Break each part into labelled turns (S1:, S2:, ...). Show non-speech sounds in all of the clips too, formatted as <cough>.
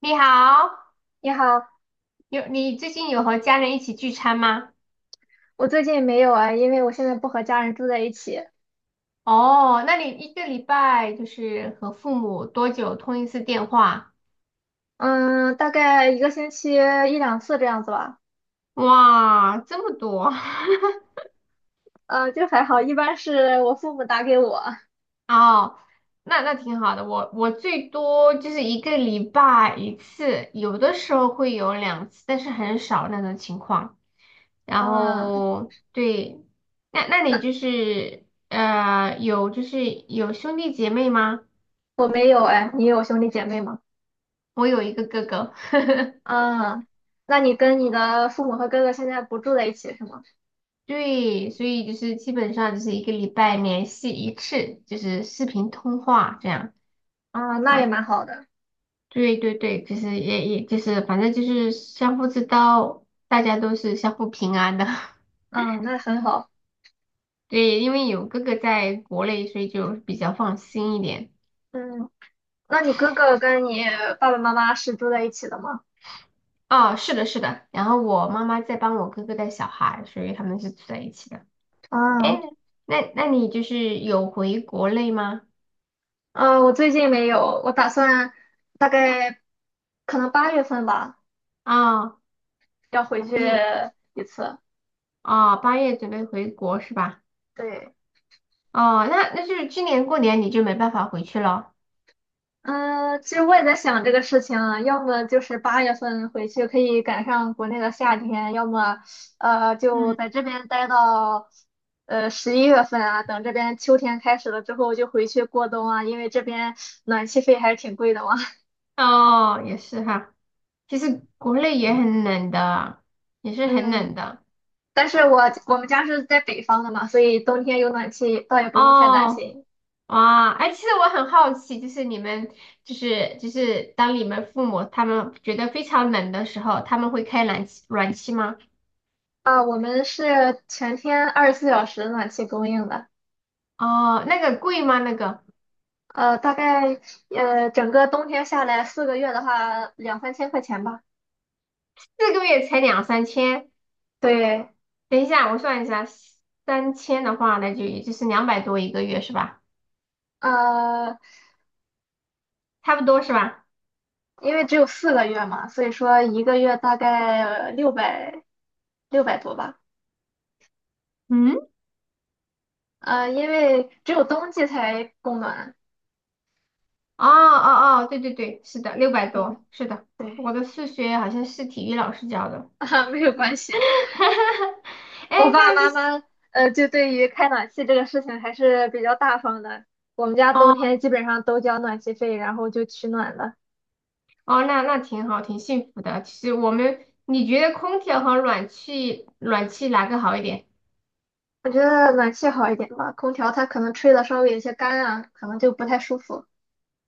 S1: 你好，
S2: 你好。
S1: 有你最近和家人一起聚餐吗？
S2: 我最近没有啊，因为我现在不和家人住在一起。
S1: 哦，那你一个礼拜和父母多久通一次电话？
S2: 嗯，大概一个星期一两次这样子吧。
S1: 哇，这么多！
S2: 就还好，一般是我父母打给我。
S1: <laughs> 哦，那挺好的。我最多就是一个礼拜一次，有的时候会有两次，但是很少那种情况。然
S2: 啊，
S1: 后对，那那你
S2: 那
S1: 就是呃有就是有兄弟姐妹吗？
S2: 我没有哎，你有兄弟姐妹吗？
S1: 我有一个哥哥。<laughs>
S2: 啊，那你跟你的父母和哥哥现在不住在一起是吗？
S1: 对，所以就是基本上就是一个礼拜联系一次，就是视频通话这样
S2: 啊，那也
S1: 啊。
S2: 蛮好的。
S1: 对对对，就是也也就是反正就是相互知道，大家都是相互平安的。
S2: 嗯，那很好。
S1: <laughs> 对，因为有哥哥在国内，所以就比较放心一点。
S2: 嗯，那你哥哥跟你爸爸妈妈是住在一起的吗？
S1: 哦，是的，是的。然后我妈妈在帮我哥哥带小孩，所以他们是住在一起的。哎，
S2: 啊。
S1: 那你有回国内吗？
S2: 嗯，我最近没有，我打算大概可能八月份吧。
S1: 啊、
S2: 要回去
S1: 就是
S2: 一次。
S1: 八月准备回国是吧？
S2: 对。
S1: 哦，那那就是今年过年你就没办法回去了。
S2: 嗯，其实我也在想这个事情啊，要么就是八月份回去可以赶上国内的夏天，要么就
S1: 嗯。
S2: 在这边待到十一月份啊，等这边秋天开始了之后就回去过冬啊，因为这边暖气费还是挺贵的嘛。
S1: 哦，也是哈。其实国内也很冷的，也
S2: <laughs>
S1: 是很
S2: 嗯，
S1: 冷的。
S2: 但是我们家是在北方的嘛，所以冬天有暖气倒也不用太担
S1: 哦，
S2: 心。
S1: 哇，哎，其实我很好奇，就是你们，就是就是当你们父母他们觉得非常冷的时候，他们会开暖气吗？
S2: 啊，我们是全天二十四小时暖气供应的。
S1: 哦，那个贵吗？那个
S2: 大概整个冬天下来四个月的话，两三千块钱吧。
S1: 四个月才两三千？
S2: 对。
S1: 等一下我算一下，三千的话，那就也就是两百多一个月是吧？
S2: 呃，
S1: 差不多是吧？
S2: 因为只有四个月嘛，所以说一个月大概六百多吧。
S1: 嗯。
S2: 因为只有冬季才供暖。
S1: 哦哦哦，对对对，是的，六百多，
S2: 嗯。
S1: 是的。
S2: 对。
S1: 我的数学好像是体育老师教的。
S2: <laughs> 啊，没有关系。
S1: <laughs>
S2: 我
S1: 哎，
S2: 爸
S1: 他就
S2: 爸
S1: 是。
S2: 妈妈就对于开暖气这个事情还是比较大方的。我们家冬
S1: 哦
S2: 天基本上都交暖气费，然后就取暖了。
S1: 哦，那那挺好，挺幸福的。其实我们，你觉得空调和暖气，哪个好一点？
S2: 我觉得暖气好一点吧，空调它可能吹的稍微有些干啊，可能就不太舒服。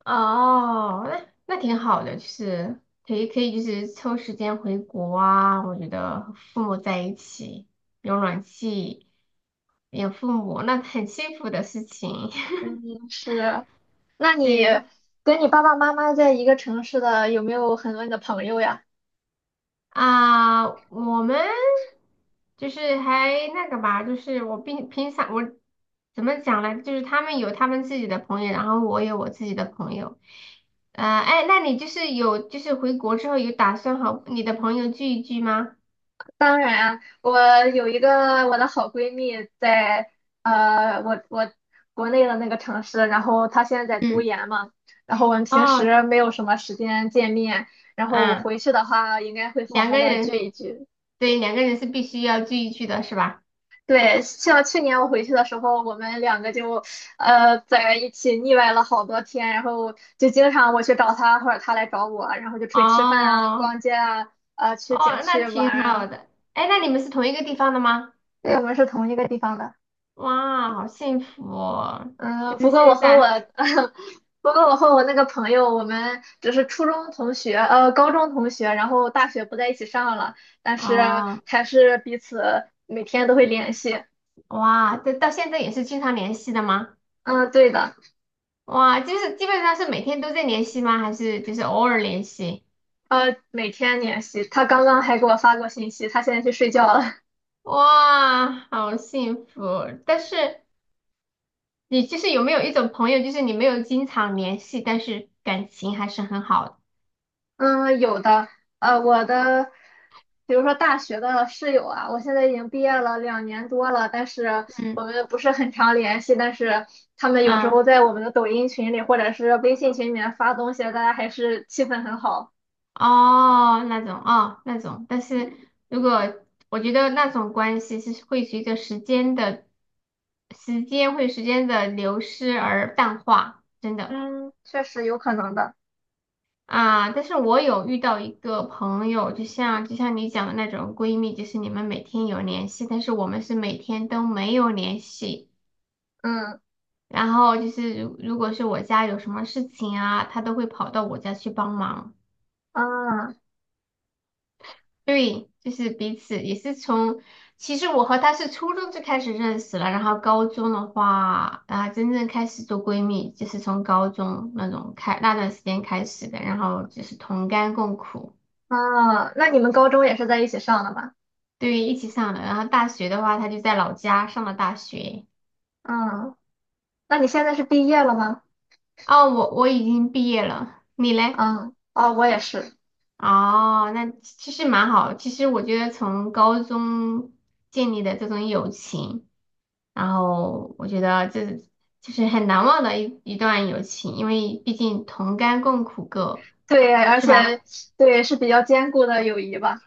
S1: 哦，那那挺好的，就是可以，就是抽时间回国啊。我觉得和父母在一起，有暖气，有父母，那很幸福的事情。
S2: 嗯，是。那
S1: <laughs>
S2: 你
S1: 对。
S2: 跟你爸爸妈妈在一个城市的，有没有很多你的朋友呀？
S1: 啊，我们就是还那个吧，就是我平常我怎么讲呢？就是他们有他们自己的朋友，然后我有我自己的朋友。哎，那你有回国之后有打算和你的朋友聚一聚吗？
S2: 当然啊，我有一个我的好闺蜜在呃，我我国内的那个城市，然后她现在在读
S1: 嗯。
S2: 研嘛，然后我们平
S1: 哦。
S2: 时没有什么时间见面，然后我
S1: 啊，
S2: 回去的话应该会好
S1: 两
S2: 好
S1: 个
S2: 的聚
S1: 人。
S2: 一聚。
S1: 对，两个人是必须要聚一聚的，是吧？
S2: 对，像去年我回去的时候，我们两个就在一起腻歪了好多天，然后就经常我去找他或者他来找我，然后就出去吃饭啊、
S1: 哦。
S2: 逛街啊、去景
S1: 哦，那
S2: 区玩
S1: 挺好
S2: 啊。
S1: 的。哎，那你们是同一个地方的吗？
S2: 对，我们是同一个地方的。
S1: 哇，好幸福哦！
S2: 嗯，
S1: 就
S2: 不
S1: 是
S2: 过我
S1: 现
S2: 和我，
S1: 在。
S2: <laughs> 不过我和我那个朋友，我们只是初中同学，呃，高中同学，然后大学不在一起上了，但是
S1: 哦。
S2: 还是彼此每天都会联系。
S1: 哇，这到现在也是经常联系的吗？
S2: 嗯，对的。
S1: 哇，就是基本上是每天都在联系吗？还是就是偶尔联系？
S2: 每天联系。他刚刚还给我发过信息，他现在去睡觉了。<laughs>
S1: 哇，好幸福！但是你有没有一种朋友，就是你没有经常联系，但是感情还是很好的。
S2: 嗯，有的。呃，我的，比如说大学的室友啊，我现在已经毕业了两年多了，但是
S1: 嗯
S2: 我们不是很常联系，但是他们有时
S1: 嗯，
S2: 候在我们的抖音群里或者是微信群里面发东西，大家还是气氛很好。
S1: 哦，那种。但是如果我觉得那种关系是会随着时间的时间流失而淡化，真的。
S2: 嗯，确实有可能的。
S1: 啊，但是我有遇到一个朋友，就像你讲的那种闺蜜，就是你们每天有联系，但是我们是每天都没有联系。
S2: 嗯，
S1: 然后就是如果是我家有什么事情啊，她都会跑到我家去帮忙。
S2: 啊
S1: 对，就是彼此也是从，其实我和她是初中就开始认识了，然后高中的话啊，真正开始做闺蜜，就是从高中那种开那段时间开始的，然后就是同甘共苦。
S2: 啊，那你们高中也是在一起上的吧？
S1: 对，一起上的。然后大学的话，他就在老家上了大学。
S2: 嗯，那你现在是毕业了吗？
S1: 哦，我已经毕业了，你嘞？
S2: 嗯，哦，我也是。
S1: 哦，那其实蛮好。其实我觉得从高中建立的这种友情，然后我觉得这就是很难忘的一段友情，因为毕竟同甘共苦过，
S2: 对，而
S1: 是
S2: 且
S1: 吧？
S2: 对是比较坚固的友谊吧。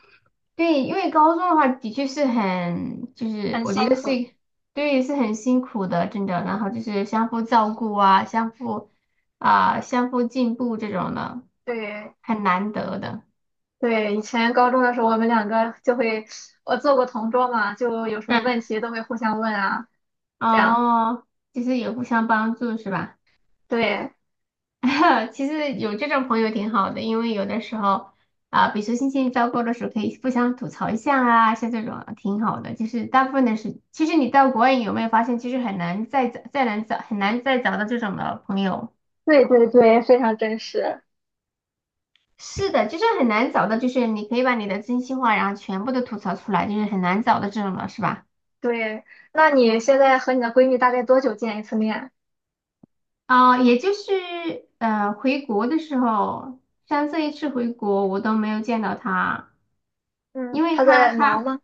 S1: 对，因为高中的话的确是很，就是
S2: 很
S1: 我觉
S2: 辛
S1: 得
S2: 苦。
S1: 是，对，是很辛苦的，真的。然后就是相互照顾啊，相互进步这种的，
S2: 对
S1: 很难得的。
S2: 对，以前高中的时候，我们两个就会，我做过同桌嘛，就有什么问
S1: 嗯。
S2: 题都会互相问啊，这样。
S1: 哦，就是也互相帮助是吧？
S2: 对
S1: <laughs> 其实有这种朋友挺好的，因为有的时候比如说心情糟糕的时候，可以互相吐槽一下啊，像这种挺好的。就是大部分的是，其实你到国外有没有发现，其实很难再找到这种的朋友。
S2: 对，非常真实。
S1: 是的，就是很难找到，就是你可以把你的真心话，然后全部都吐槽出来，就是很难找到这种的，是吧？
S2: 对，那你现在和你的闺蜜大概多久见一次面？
S1: 啊、也就是呃，回国的时候，像这一次回国，我都没有见到他，因
S2: 嗯，
S1: 为
S2: 她在忙吗？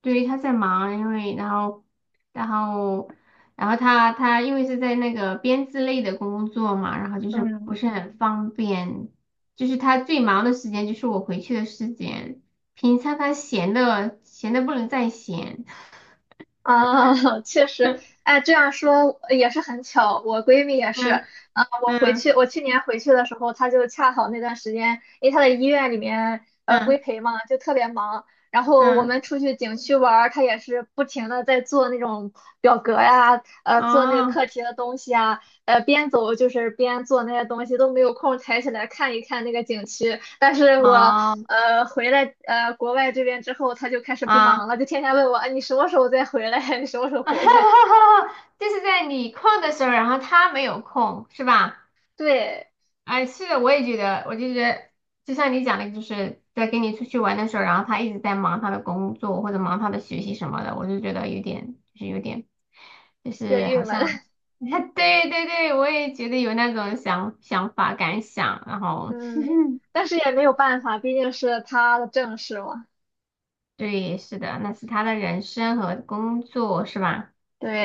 S1: 对，他在忙，因为然后，然后，然后他因为是在那个编制类的工作嘛，然后就是
S2: 嗯。
S1: 不是很方便。就是他最忙的时间就是我回去的时间，平常他闲的不能再闲。
S2: 啊，<laughs> 确实。
S1: <laughs>
S2: 哎，这样说也是很巧。我闺蜜也是，啊，
S1: 嗯嗯
S2: 我去年回去的时候，她就恰好那段时间，因为她在医院里面规
S1: 嗯
S2: 培嘛，就特别忙。然后我
S1: 嗯，嗯，
S2: 们出去景区玩儿，她也是不停的在做那种表格呀，做那个课
S1: 哦
S2: 题的东西啊，边走就是边做那些东西，都没有空抬起来看一看那个景区。但是我
S1: 哦
S2: 回来国外这边之后，他就开始不忙
S1: 啊，
S2: 了，就天天问我，啊，你什么时候再回来？<laughs> 你什么时候回来？
S1: <laughs> 就是在你空的时候，然后他没有空，是吧？
S2: 对，
S1: 哎，是的，我也觉得，就像你讲的，就是在跟你出去玩的时候，然后他一直在忙他的工作或者忙他的学习什么的，我就觉得有点，就
S2: 有
S1: 是
S2: 点郁
S1: 好
S2: 闷。
S1: 像，<laughs> 对对对，我也觉得有那种想法感想。然
S2: <laughs>
S1: 后，
S2: 嗯，但是也没有办法，毕竟是他的正事嘛。
S1: <laughs> 对，是的，那是他的人生和工作是吧？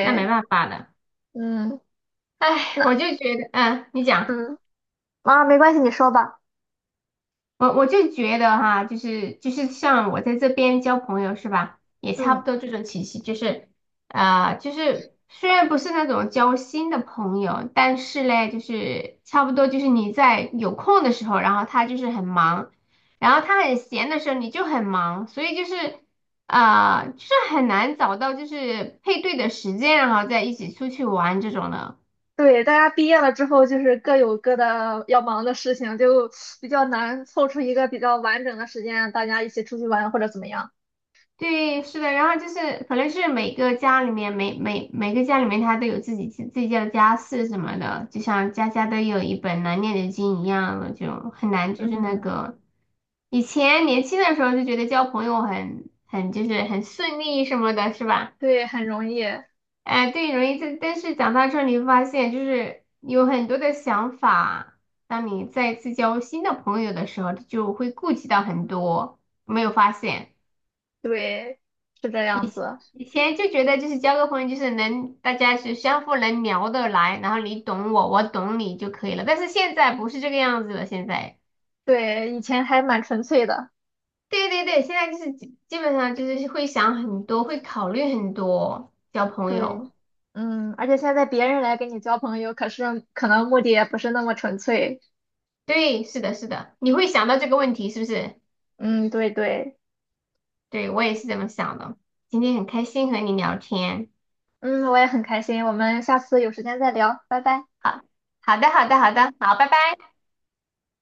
S1: 那没办法的。
S2: 嗯，
S1: 哎，我
S2: 那
S1: 就觉得，嗯，你讲。
S2: 嗯啊，没关系，你说吧。
S1: 我就觉得哈，像我在这边交朋友是吧，也差不
S2: 嗯，
S1: 多这种体系。就是虽然不是那种交心的朋友，但是嘞，就是差不多就是你在有空的时候，然后他就是很忙，然后他很闲的时候你就很忙，所以就是很难找到就是配对的时间，然后再一起出去玩这种的。
S2: 对，大家毕业了之后，就是各有各的要忙的事情，就比较难凑出一个比较完整的时间，大家一起出去玩或者怎么样。
S1: 对，是的，然后就是可能是每个家里面，每个家里面，他都有自己家的家事什么的，就像家家都有一本难念的经一样的，就很难就是那
S2: 嗯。
S1: 个。以前年轻的时候就觉得交朋友很就是很顺利什么的，是吧？
S2: 对，很容易。
S1: 对，容易这，但是长大之后你会发现，就是有很多的想法，当你再次交新的朋友的时候，就会顾及到很多，有没有发现？
S2: 对，是这样子。
S1: 以前就觉得就是交个朋友，就是能大家是相互能聊得来，然后你懂我，我懂你就可以了。但是现在不是这个样子了。现在，
S2: 对，以前还蛮纯粹的。
S1: 对对对，现在就是基本上就是会想很多，会考虑很多交朋
S2: 对。
S1: 友。
S2: 嗯，而且现在别人来跟你交朋友，可是可能目的也不是那么纯粹。
S1: 对，是的，是的，你会想到这个问题是不是？
S2: 嗯，对对。
S1: 对，我也是这么想的。今天很开心和你聊天。
S2: 嗯，我也很开心，我们下次有时间再聊，拜拜。
S1: 好，好的，好的，好的，好，拜拜。